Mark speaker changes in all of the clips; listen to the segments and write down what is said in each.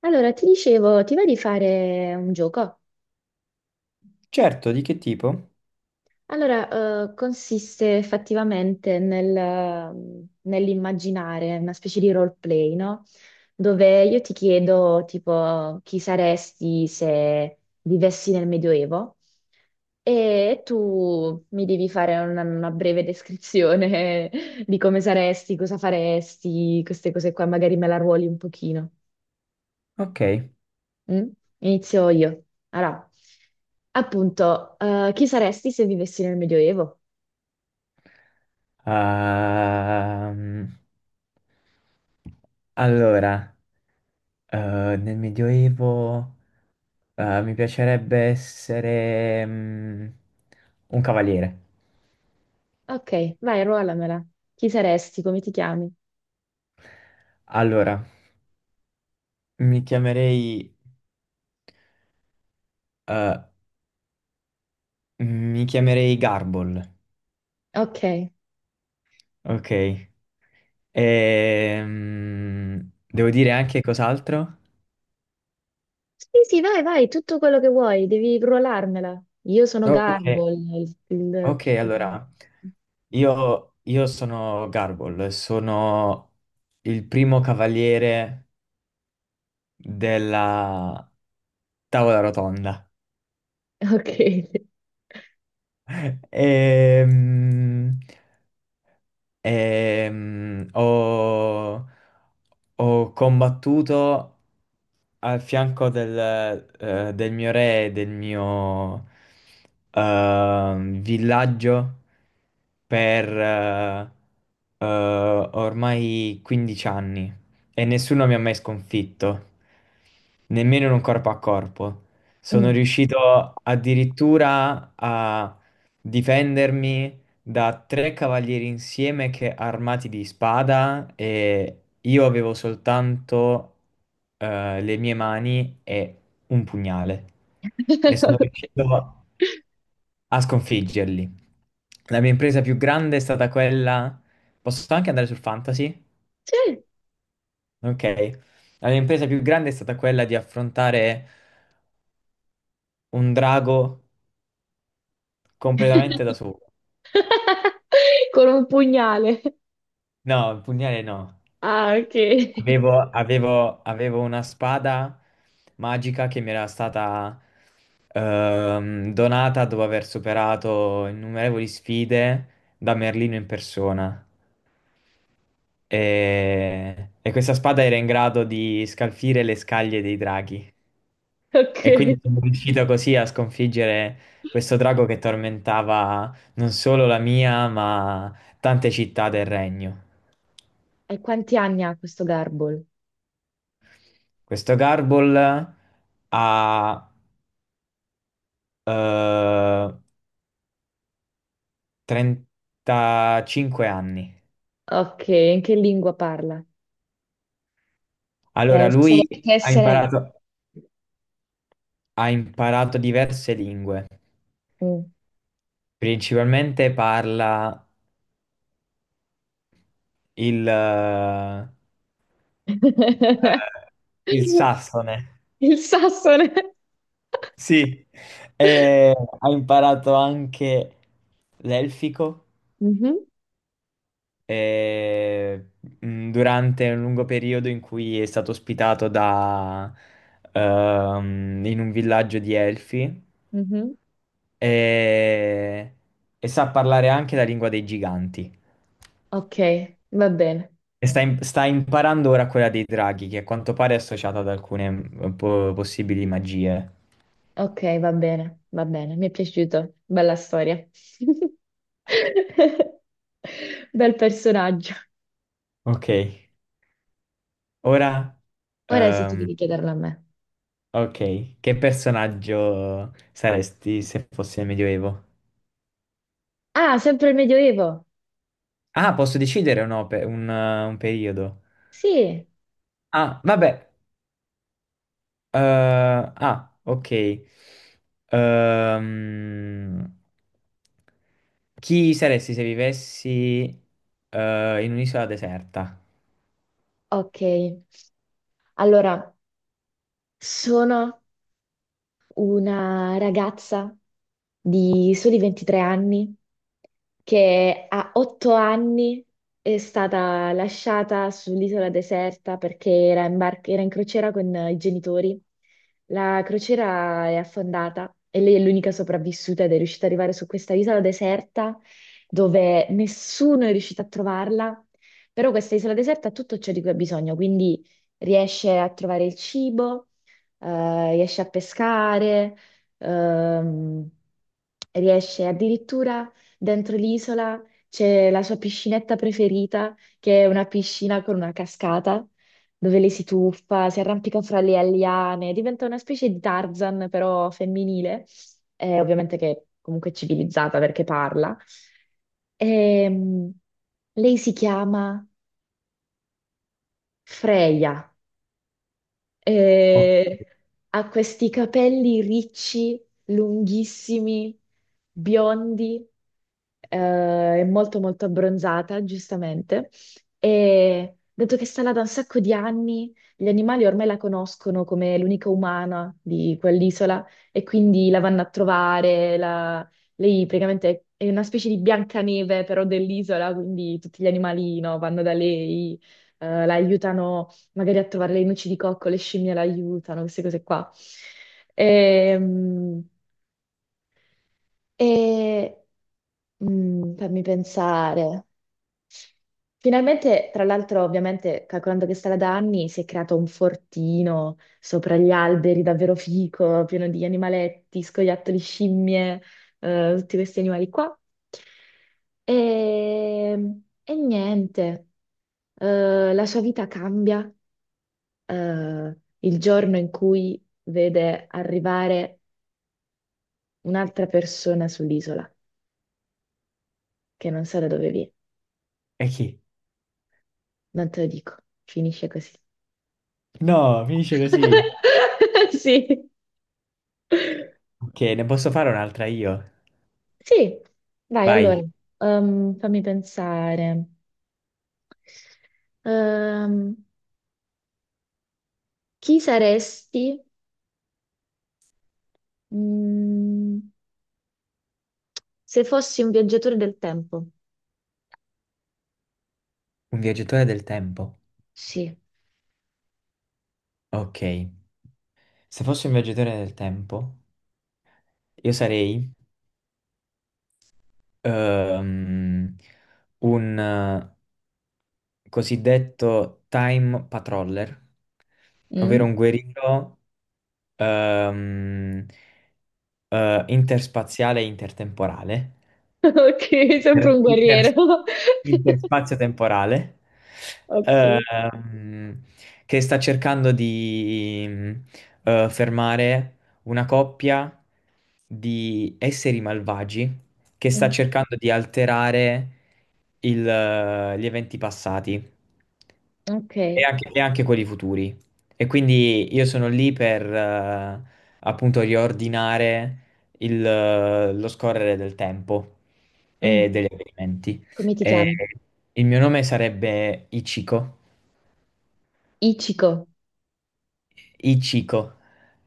Speaker 1: Allora, ti dicevo, ti va di fare un gioco?
Speaker 2: Certo, di che tipo?
Speaker 1: Allora, consiste effettivamente nell'immaginare una specie di roleplay, no? Dove io ti chiedo, tipo, chi saresti se vivessi nel Medioevo e tu mi devi fare una breve descrizione di come saresti, cosa faresti, queste cose qua, magari me la ruoli un pochino.
Speaker 2: Ok.
Speaker 1: Mm? Inizio io. Allora, appunto, chi saresti se vivessi nel Medioevo?
Speaker 2: Ehm, allora, nel Medioevo, mi piacerebbe essere, un cavaliere.
Speaker 1: Ok, vai, ruolamela. Chi saresti? Come ti chiami?
Speaker 2: Allora, mi chiamerei, eh, mi chiamerei Garbol.
Speaker 1: Ok.
Speaker 2: Ok. Devo dire anche cos'altro?
Speaker 1: Sì, sì, vai, vai, tutto quello che vuoi, devi ruolarmela. Io sono
Speaker 2: Ok,
Speaker 1: Garbo, il-
Speaker 2: ok, allora. Io sono Garble, sono il primo cavaliere della tavola rotonda.
Speaker 1: Ok.
Speaker 2: Ehm, ehm, ho, ho combattuto al fianco del mio re, e del mio villaggio per eh, ormai 15 anni e nessuno mi ha mai sconfitto nemmeno in un corpo a corpo. Sono
Speaker 1: Mm.
Speaker 2: riuscito addirittura a difendermi da tre cavalieri insieme che armati di spada e io avevo soltanto le mie mani e un pugnale e sono
Speaker 1: Ok.
Speaker 2: riuscito a sconfiggerli. La mia impresa più grande è stata quella... Posso anche andare sul fantasy?
Speaker 1: Sì.
Speaker 2: Ok. La mia impresa più grande è stata quella di affrontare un drago completamente da solo.
Speaker 1: Con un pugnale.
Speaker 2: No, il pugnale no.
Speaker 1: Ah, ok.
Speaker 2: Avevo una spada magica che mi era stata donata dopo aver superato innumerevoli sfide da Merlino in persona. E questa spada era in grado di scalfire le scaglie dei draghi.
Speaker 1: Ok.
Speaker 2: E quindi
Speaker 1: E
Speaker 2: sono riuscito così a sconfiggere questo drago che tormentava non solo la mia, ma tante città del regno.
Speaker 1: quanti anni ha questo Garbo?
Speaker 2: Questo Garble ha eh, 35 anni.
Speaker 1: Ok, in che lingua parla? Che
Speaker 2: Allora,
Speaker 1: essere,
Speaker 2: lui
Speaker 1: che
Speaker 2: ha
Speaker 1: essere-
Speaker 2: imparato, ha imparato diverse lingue.
Speaker 1: Mm.
Speaker 2: Principalmente parla il, eh, il sassone.
Speaker 1: Il sassone.
Speaker 2: Sì, e ha imparato anche l'elfico
Speaker 1: Mhm,
Speaker 2: eh, durante un lungo periodo in cui è stato ospitato in un villaggio di elfi
Speaker 1: mhm.
Speaker 2: e, e sa parlare anche la lingua dei giganti.
Speaker 1: Ok, va bene.
Speaker 2: E sta imparando ora quella dei draghi, che a quanto pare è associata ad alcune possibili magie.
Speaker 1: Ok, va bene, va bene. Mi è piaciuto. Bella storia. Bel personaggio.
Speaker 2: Ok, ora...
Speaker 1: Ora sì, tu
Speaker 2: ehm,
Speaker 1: devi chiederlo a me.
Speaker 2: ok, che personaggio saresti se fossi nel Medioevo?
Speaker 1: Ah, sempre il Medioevo.
Speaker 2: Ah, posso decidere o no per un periodo?
Speaker 1: Sì,
Speaker 2: Ah, vabbè. eh, ok. Ehm, chi saresti se vivessi in un'isola deserta?
Speaker 1: ok. Allora, sono una ragazza di soli 23 anni che a 8 anni è stata lasciata sull'isola deserta perché era in crociera con i genitori. La crociera è affondata e lei è l'unica sopravvissuta ed è riuscita ad arrivare su questa isola deserta dove nessuno è riuscito a trovarla, però questa isola deserta ha tutto ciò di cui ha bisogno, quindi riesce a trovare il cibo, riesce a pescare, ehm, riesce addirittura dentro l'isola c'è la sua piscinetta preferita, che è una piscina con una cascata dove lei si tuffa, si arrampica fra le alliane, diventa una specie di Tarzan però femminile, ovviamente che è comunque civilizzata perché parla. Ehm, lei si chiama Freya.
Speaker 2: Oh,
Speaker 1: E ha questi capelli ricci, lunghissimi, biondi, è molto molto abbronzata, giustamente, e dato che sta là da un sacco di anni, gli animali ormai la conoscono come l'unica umana di quell'isola e quindi la vanno a trovare, lei praticamente è una specie di Biancaneve però dell'isola, quindi tutti gli animali, no, vanno da lei, la aiutano magari a trovare le noci di cocco, le scimmie la aiutano, queste cose qua. Ehm, E, Fammi pensare. Finalmente, tra l'altro, ovviamente, calcolando che sarà da anni, si è creato un fortino sopra gli alberi, davvero fico, pieno di animaletti, scoiattoli, scimmie, tutti questi animali qua. E, e niente, la sua vita cambia, il giorno in cui vede arrivare un'altra persona sull'isola, che non sa da dove viene,
Speaker 2: e chi?
Speaker 1: non te lo dico, finisce così.
Speaker 2: No, finisce così.
Speaker 1: Sì,
Speaker 2: Ok, ne posso fare un'altra io?
Speaker 1: sì, vai allora,
Speaker 2: Vai,
Speaker 1: fammi pensare. Ehm, chi saresti, mm, se fossi un viaggiatore del tempo?
Speaker 2: un viaggiatore del tempo.
Speaker 1: Sì.
Speaker 2: Ok, se fossi un viaggiatore del tempo, io sarei ehm, un, cosiddetto time patroller, ovvero
Speaker 1: Mm?
Speaker 2: un guerriero ehm, interspaziale e intertemporale
Speaker 1: Ok, sempre
Speaker 2: inter-
Speaker 1: un
Speaker 2: inter-
Speaker 1: guerriero.
Speaker 2: interspazio temporale,
Speaker 1: Ok.
Speaker 2: ehm, che sta cercando di fermare una coppia di esseri malvagi che sta
Speaker 1: Mm,
Speaker 2: cercando di alterare gli eventi passati
Speaker 1: ok.
Speaker 2: e anche quelli futuri. E quindi io sono lì per appunto riordinare lo scorrere del tempo e
Speaker 1: Mm,
Speaker 2: degli avvenimenti.
Speaker 1: Come ti
Speaker 2: E
Speaker 1: chiami?
Speaker 2: il mio nome sarebbe Ichiko,
Speaker 1: Ichiko.
Speaker 2: Ichiko,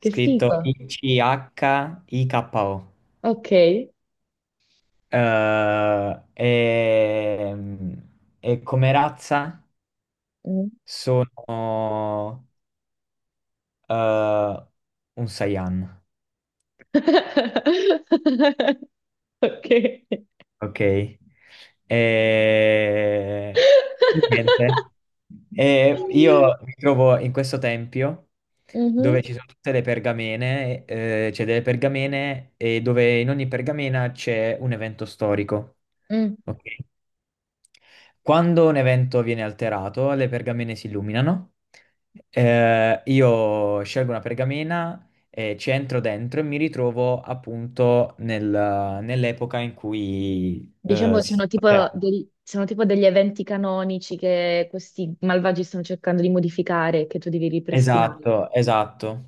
Speaker 1: Che
Speaker 2: scritto
Speaker 1: figo.
Speaker 2: I-C-H-I-K-O.
Speaker 1: Ok.
Speaker 2: Eh, e, e come razza
Speaker 1: Mm.
Speaker 2: sono eh, un Saiyan.
Speaker 1: Ok.
Speaker 2: Ok. E... Niente. E
Speaker 1: Mhm.
Speaker 2: io mi trovo in questo tempio dove ci sono tutte le pergamene, c'è delle pergamene e dove in ogni pergamena c'è un evento storico.
Speaker 1: Mm.
Speaker 2: Ok? Quando un evento viene alterato, le pergamene si illuminano. Io scelgo una pergamena, e ci entro dentro e mi ritrovo appunto nell'epoca in cui
Speaker 1: Diciamo che
Speaker 2: si
Speaker 1: sono
Speaker 2: sta
Speaker 1: tipo, sono tipo degli eventi canonici che questi malvagi stanno cercando di modificare e che tu devi ripristinare.
Speaker 2: esatto, esatto.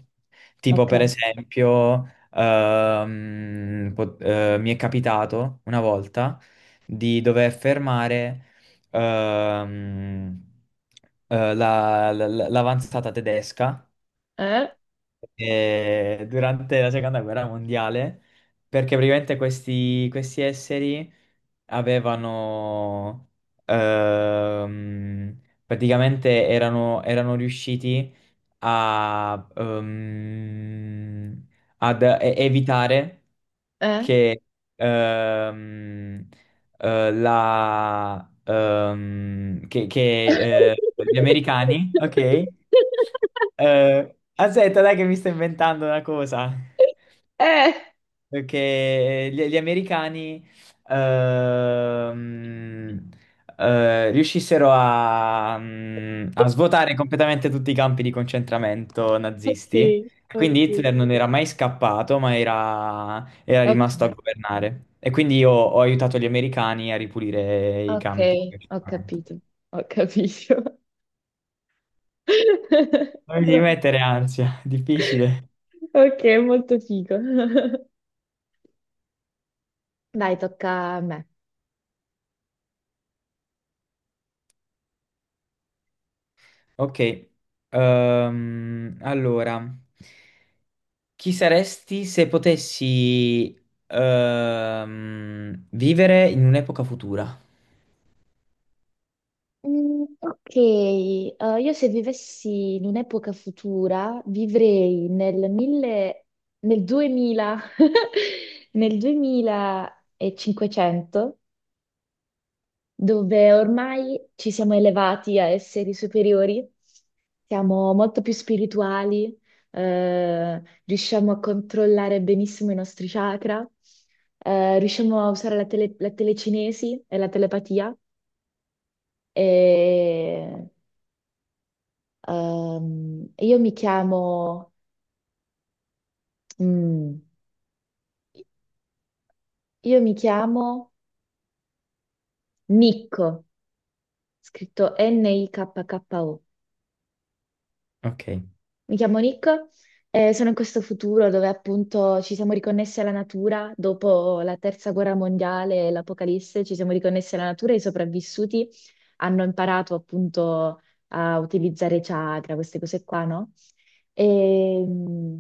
Speaker 2: Tipo per
Speaker 1: Ok.
Speaker 2: esempio, mi è capitato una volta di dover fermare ehm, l'avanzata tedesca
Speaker 1: Eh?
Speaker 2: durante la seconda guerra mondiale, perché praticamente questi esseri avevano praticamente erano riusciti a, ehm, evitare
Speaker 1: Eh?
Speaker 2: che ehm, eh, la, ehm, che, che, eh, gli americani, ok? Aspetta, dai che mi sto inventando una cosa.
Speaker 1: Eh.
Speaker 2: Perché gli americani ehm, riuscissero a, a svuotare completamente tutti i campi di concentramento
Speaker 1: Ok,
Speaker 2: nazisti. Quindi
Speaker 1: ok.
Speaker 2: Hitler non era mai scappato, ma era
Speaker 1: Ok.
Speaker 2: rimasto a governare. E quindi io ho aiutato gli americani a ripulire i
Speaker 1: Ok,
Speaker 2: campi di
Speaker 1: ho
Speaker 2: concentramento.
Speaker 1: capito, ho capito.
Speaker 2: Non devi mettere ansia, difficile.
Speaker 1: Ok, molto figo. Dai, tocca a me.
Speaker 2: Ok, allora. Chi saresti se potessi vivere in un'epoca futura?
Speaker 1: Mm, ok. Io, se vivessi in un'epoca futura, vivrei nel 2000, nel 2500, dove ormai ci siamo elevati a esseri superiori, siamo molto più spirituali, riusciamo a controllare benissimo i nostri chakra, riusciamo a usare la telecinesi e la telepatia. E Ehm, io mi chiamo, mm, io mi chiamo Nico, scritto Nikko.
Speaker 2: Ok,
Speaker 1: Mi chiamo Nick e sono in questo futuro dove appunto ci siamo riconnessi alla natura dopo la terza guerra mondiale e l'apocalisse, ci siamo riconnessi alla natura e i sopravvissuti hanno imparato appunto a utilizzare chakra, queste cose qua, no? E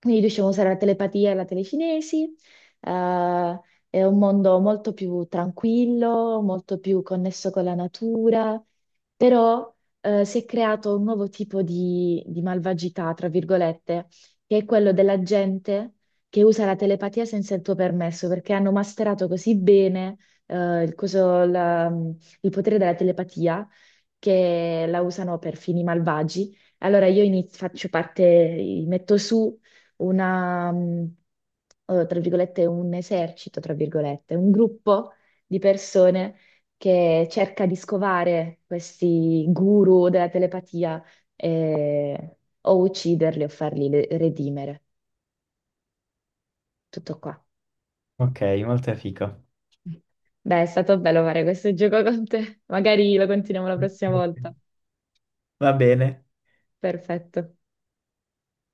Speaker 1: quindi riusciamo a usare la telepatia e la telecinesi. eh, è un mondo molto più tranquillo, molto più connesso con la natura, però si è creato un nuovo tipo di malvagità, tra virgolette, che è quello della gente che usa la telepatia senza il tuo permesso, perché hanno masterato così bene, eh, il, coso- la- il potere della telepatia, che la usano per fini malvagi. Allora io faccio parte, metto su una, mm, tra virgolette, un esercito, tra virgolette, un gruppo di persone che cerca di scovare questi guru della telepatia e- o ucciderli o farli redimere. Tutto qua.
Speaker 2: ok, molto fico.
Speaker 1: Beh, è stato bello fare questo gioco con te. Magari lo continuiamo la prossima volta.
Speaker 2: Va bene.
Speaker 1: Perfetto.